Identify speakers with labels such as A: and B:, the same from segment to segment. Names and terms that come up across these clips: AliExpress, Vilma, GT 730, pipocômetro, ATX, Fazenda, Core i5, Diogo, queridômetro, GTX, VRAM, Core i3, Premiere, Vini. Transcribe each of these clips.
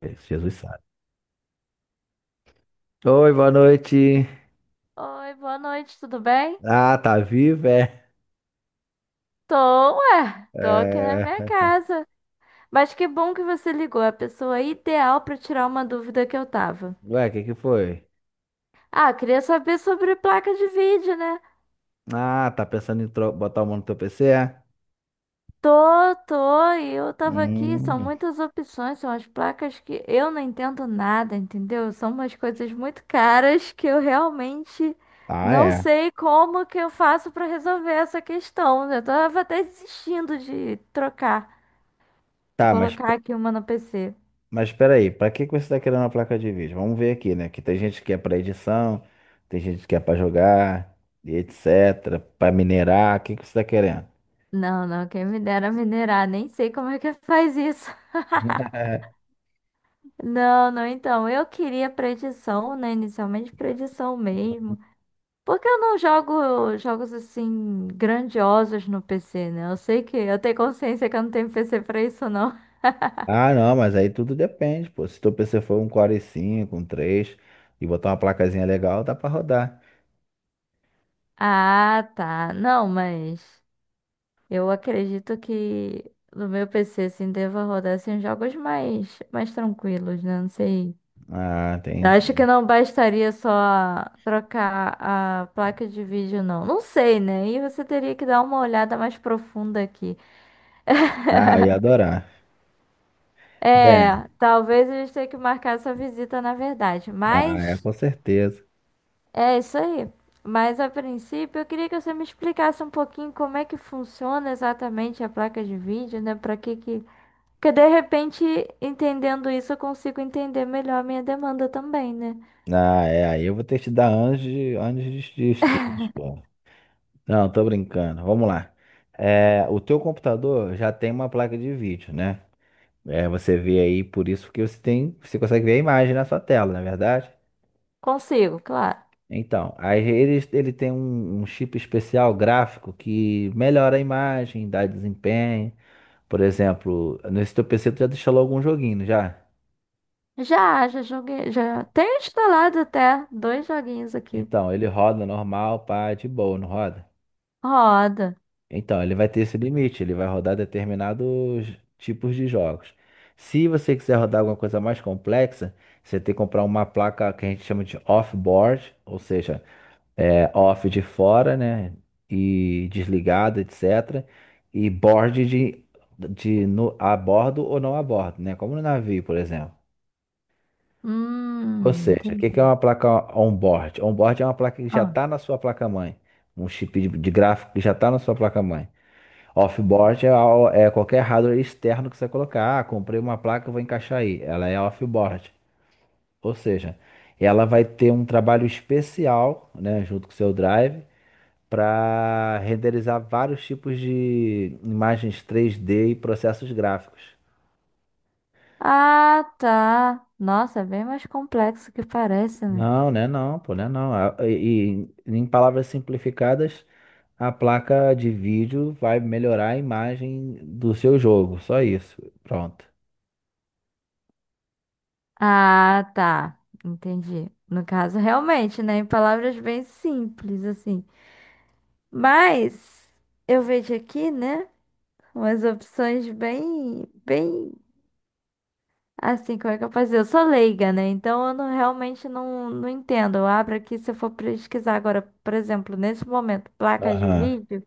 A: Esse Jesus sabe. Oi, boa noite.
B: Oi, boa noite, tudo bem?
A: Ah, tá vivo, é?
B: Tô, ué, tô aqui na
A: É.
B: minha casa. Mas que bom que você ligou, a pessoa ideal pra tirar uma dúvida que eu tava.
A: Ué, o que que foi?
B: Ah, queria saber sobre placa de vídeo, né?
A: Ah, tá pensando em botar o mão no teu PC, é?
B: Tô, e eu tava aqui, são
A: Hum.
B: muitas opções, são as placas que eu não entendo nada, entendeu? São umas coisas muito caras que eu realmente
A: Ah,
B: não
A: é.
B: sei como que eu faço pra resolver essa questão. Eu tava até desistindo de trocar, de
A: Tá, mas,
B: colocar aqui uma no PC.
A: mas peraí, pra que que você tá querendo uma placa de vídeo? Vamos ver aqui, né? Que tem gente que é pra edição, tem gente que é pra jogar, e etc. Pra minerar, o que que você tá querendo?
B: Não, não, quem me dera minerar, nem sei como é que faz isso. Não, não, então, eu queria predição, né? Inicialmente predição mesmo. Porque eu não jogo jogos assim grandiosos no PC, né? Eu sei que eu tenho consciência que eu não tenho PC pra isso, não.
A: Ah, não, mas aí tudo depende, pô. Se teu PC for um Core i cinco um três e botar uma placazinha legal, dá pra rodar.
B: Ah, tá. Não, mas eu acredito que no meu PC, assim, deva rodar assim, jogos mais, mais tranquilos, né? Não sei.
A: Ah,
B: Eu acho que
A: entendi.
B: não bastaria só trocar a placa de vídeo, não. Não sei, né? E você teria que dar uma olhada mais profunda aqui.
A: Ah, eu ia adorar. É,
B: É, talvez a gente tenha que marcar essa visita, na verdade.
A: ah, é,
B: Mas
A: com certeza.
B: é isso aí. Mas a princípio, eu queria que você me explicasse um pouquinho como é que funciona exatamente a placa de vídeo, né? Pra que que. Porque de repente, entendendo isso, eu consigo entender melhor a minha demanda também, né?
A: Ah, é, aí eu vou ter que te dar anos de estudos, pô. Não, tô brincando. Vamos lá. É, o teu computador já tem uma placa de vídeo, né? É, você vê aí, por isso que você tem, você consegue ver a imagem na sua tela, não é verdade?
B: Consigo, claro.
A: Então, aí ele tem um chip especial gráfico que melhora a imagem, dá desempenho. Por exemplo, nesse teu PC tu já instalou algum joguinho, não já?
B: Já, já joguei, já tenho instalado até dois joguinhos aqui.
A: Então, ele roda normal, pá, de boa, não roda?
B: Roda.
A: Então, ele vai ter esse limite, ele vai rodar determinados tipos de jogos. Se você quiser rodar alguma coisa mais complexa, você tem que comprar uma placa que a gente chama de off-board, ou seja, é off de fora, né? E desligado, etc. E board de no, a bordo ou não a bordo, né? Como no navio, por exemplo. Ou seja, o que que é
B: Entendi.
A: uma placa onboard? Onboard é uma placa que já
B: Ah,
A: está na sua placa-mãe. Um chip de gráfico que já está na sua placa-mãe. Offboard é, é qualquer hardware externo que você colocar. Ah, comprei uma placa, vou encaixar aí. Ela é offboard. Ou seja, ela vai ter um trabalho especial, né, junto com o seu drive, para renderizar vários tipos de imagens 3D e processos gráficos.
B: Ah, tá. Nossa, é bem mais complexo que parece, né?
A: Não, né? Não, pô, né? Não. E em palavras simplificadas, a placa de vídeo vai melhorar a imagem do seu jogo. Só isso. Pronto.
B: Ah, tá. Entendi. No caso, realmente, né? Em palavras bem simples, assim. Mas eu vejo aqui, né? Umas opções bem, bem assim, como é que eu posso dizer? Eu sou leiga, né? Então eu não, realmente não, não entendo. Eu abro aqui, se eu for pesquisar agora, por exemplo, nesse momento, placas de
A: Aham.
B: vídeo,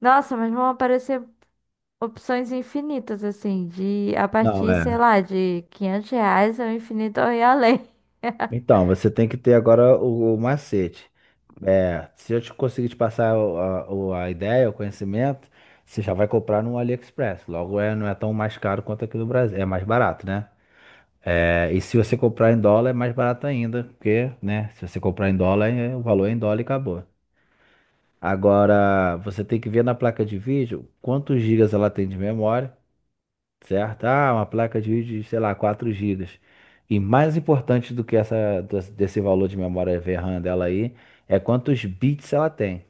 B: nossa, mas vão aparecer opções infinitas, assim, de a
A: Não,
B: partir, sei
A: é.
B: lá, de 500 reais ao infinito e além.
A: Então, você tem que ter agora o macete. É, se eu te conseguir te passar a ideia, o conhecimento, você já vai comprar no AliExpress. Logo, é, não é tão mais caro quanto aqui no Brasil. É mais barato, né? É, e se você comprar em dólar é mais barato ainda, porque, né, se você comprar em dólar, o valor é em dólar e acabou. Agora, você tem que ver na placa de vídeo quantos gigas ela tem de memória, certo? Ah, uma placa de vídeo de, sei lá, 4 gigas. E mais importante do que essa, desse valor de memória VRAM dela aí, é quantos bits ela tem.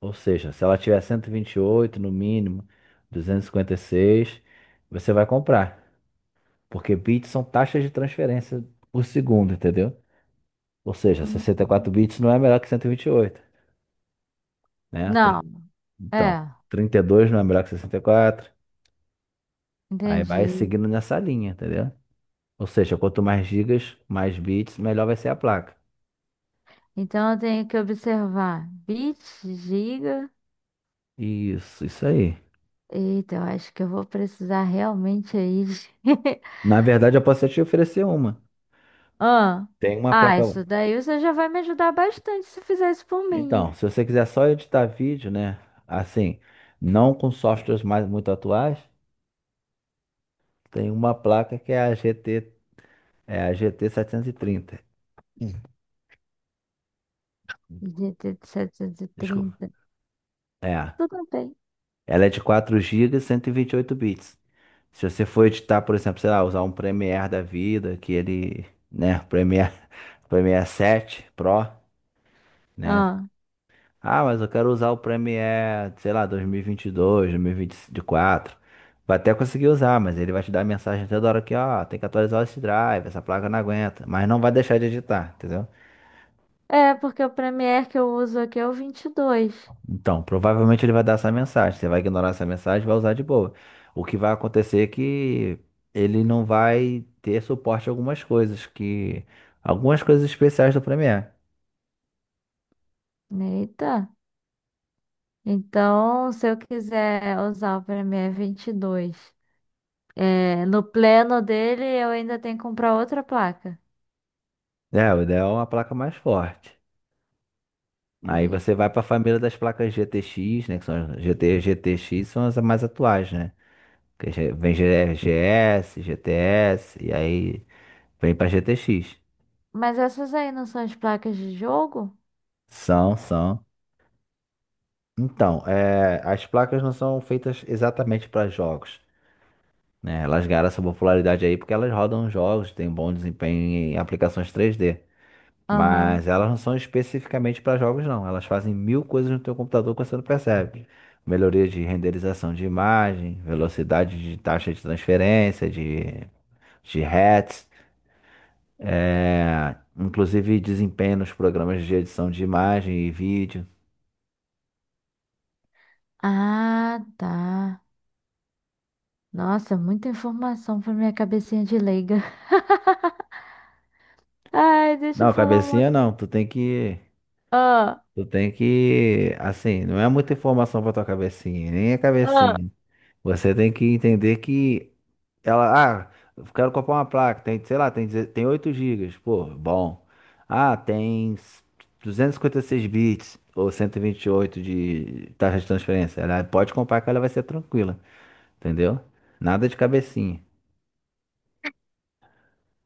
A: Ou seja, se ela tiver 128 no mínimo, 256, você vai comprar. Porque bits são taxas de transferência por segundo, entendeu? Ou seja, sessenta e
B: Hum.
A: quatro bits não é melhor que cento e vinte e oito, né?
B: Não,
A: Então,
B: é,
A: 32 não é melhor que 64. Aí vai
B: entendi.
A: seguindo nessa linha, entendeu? Ou seja, quanto mais gigas, mais bits, melhor vai ser a placa.
B: Então eu tenho que observar bits giga.
A: Isso aí.
B: Eita, eu acho que eu vou precisar realmente aí de
A: Na verdade, eu posso até te oferecer uma.
B: Ah,
A: Tem uma
B: ah,
A: placa.
B: isso daí você já vai me ajudar bastante se fizer isso por
A: Então,
B: mim.
A: se você quiser só editar vídeo, né? Assim, não com softwares mais muito atuais, tem uma placa que é a GT 730. Hum.
B: GT
A: Desculpa.
B: 30.
A: É.
B: Tudo bem.
A: Ela é de 4 gigas, 128 bits. Se você for editar, por exemplo, sei lá, usar um Premiere da vida, que ele, né, Premiere, Premiere 7 Pro, né?
B: Ah,
A: Ah, mas eu quero usar o Premiere, sei lá, dois mil e vinte e dois, dois mil e vinte e quatro. Vai até conseguir usar, mas ele vai te dar mensagem toda hora que, ó, tem que atualizar esse drive, essa placa não aguenta, mas não vai deixar de editar, entendeu?
B: é, porque o Premiere que eu uso aqui é o 22.
A: Então, provavelmente ele vai dar essa mensagem. Você vai ignorar essa mensagem, e vai usar de boa. O que vai acontecer é que ele não vai ter suporte a algumas coisas especiais do Premiere.
B: Eita. Então, se eu quiser usar o Premiere 22, é, no pleno dele, eu ainda tenho que comprar outra placa.
A: É, o ideal é uma placa mais forte. Aí você
B: Eita.
A: vai para a família das placas GTX, né, que são as GT, GTX são as mais atuais, né? Que já vem GS, GTS e aí vem para GTX.
B: Mas essas aí não são as placas de jogo?
A: São, são. Então, é, as placas não são feitas exatamente para jogos. Né? Elas ganharam essa popularidade aí porque elas rodam jogos, têm bom desempenho em aplicações 3D.
B: Aham.
A: Mas elas não são especificamente para jogos, não. Elas fazem mil coisas no teu computador que você não percebe. Melhoria de renderização de imagem, velocidade de taxa de transferência, de hertz, é, inclusive desempenho nos programas de edição de imagem e vídeo.
B: Ah, tá. Nossa, muita informação para minha cabecinha de leiga. Ai, deixa eu
A: Não,
B: falar uma
A: cabecinha
B: coisa.
A: não, tu tem que,
B: Ah,
A: tu tem que, assim, não é muita informação para tua cabecinha, nem é
B: ah,
A: cabecinha. Você tem que entender que ela, ah, eu quero comprar uma placa, tem, sei lá, tem, tem 8 gigas, pô, bom. Ah, tem 256 bits ou cento e vinte e oito de taxa de transferência. Ela pode comprar que ela vai ser tranquila, entendeu? Nada de cabecinha.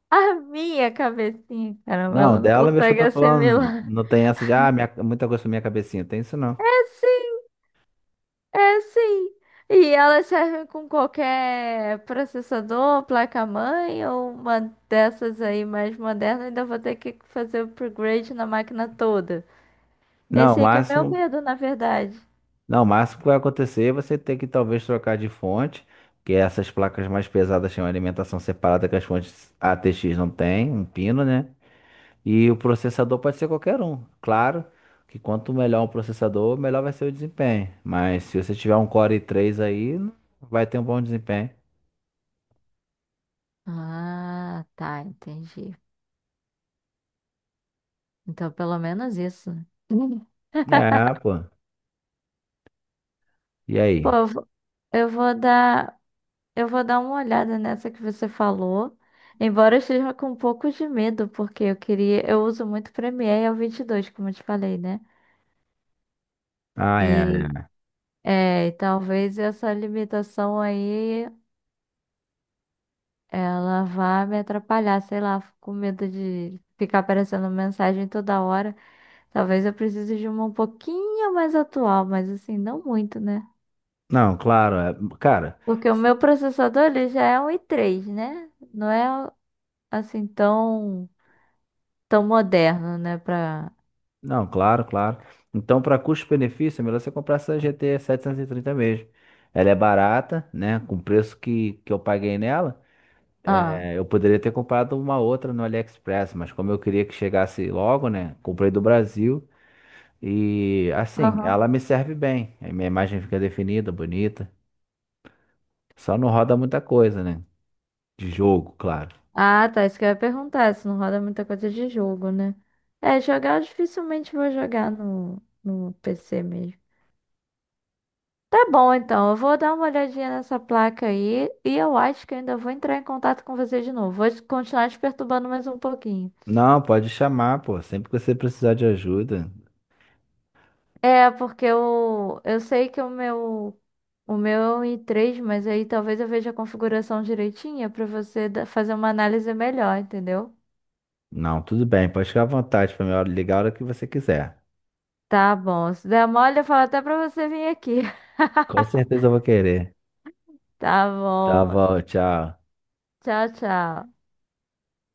B: a minha cabecinha, caramba,
A: Não,
B: ela não
A: dela, veja, eu
B: consegue
A: tô falando,
B: assimilar.
A: não tem essa de, ah, minha, muita coisa pra minha cabecinha, tem isso não.
B: É sim, é sim. E elas servem com qualquer processador, placa-mãe ou uma dessas aí mais moderna. Ainda vou ter que fazer upgrade na máquina toda.
A: Não, o
B: Esse aí que é meu
A: máximo
B: medo, na verdade.
A: Não, o máximo que vai acontecer é você ter que talvez trocar de fonte, que essas placas mais pesadas têm uma alimentação separada que as fontes ATX não têm, um pino, né? E o processador pode ser qualquer um. Claro que quanto melhor um processador, melhor vai ser o desempenho. Mas se você tiver um Core i3 aí, vai ter um bom desempenho.
B: Ah, tá, entendi. Então, pelo menos isso.
A: É, pô. E
B: Pô,
A: aí?
B: eu vou dar. Eu vou dar uma olhada nessa que você falou. Embora eu esteja com um pouco de medo, porque eu queria, eu uso muito Premiere e o 22, como eu te falei, né?
A: Ah, é.
B: E
A: É.
B: é, e talvez essa limitação aí ela vá me atrapalhar, sei lá, fico com medo de ficar aparecendo mensagem toda hora. Talvez eu precise de uma um pouquinho mais atual, mas assim, não muito, né?
A: Não, claro, cara.
B: Porque o meu processador ele já é um i3, né? Não é assim tão tão moderno, né, para
A: Não, claro, claro. Então, para custo-benefício, é melhor você comprar essa GT 730 mesmo. Ela é barata, né? Com o preço que eu paguei nela,
B: Ah,
A: é, eu poderia ter comprado uma outra no AliExpress, mas como eu queria que chegasse logo, né? Comprei do Brasil e, assim,
B: aham.
A: ela me serve bem. A minha imagem fica definida, bonita. Só não roda muita coisa, né? De jogo, claro.
B: Ah, tá. Isso que eu ia perguntar, se não roda muita coisa de jogo, né? É, jogar eu dificilmente vou jogar no PC mesmo. Tá bom, então. Eu vou dar uma olhadinha nessa placa aí e eu acho que eu ainda vou entrar em contato com você de novo. Vou continuar te perturbando mais um pouquinho.
A: Não, pode chamar, pô. Sempre que você precisar de ajuda.
B: É, porque eu sei que o meu é um i3, mas aí talvez eu veja a configuração direitinha pra você fazer uma análise melhor, entendeu?
A: Não, tudo bem. Pode ficar à vontade para me ligar a hora que você quiser.
B: Tá bom. Se der mole, eu falo até pra você vir aqui.
A: Com certeza eu vou querer.
B: Tá
A: Tá
B: bom.
A: bom, tchau.
B: Tchau, tchau.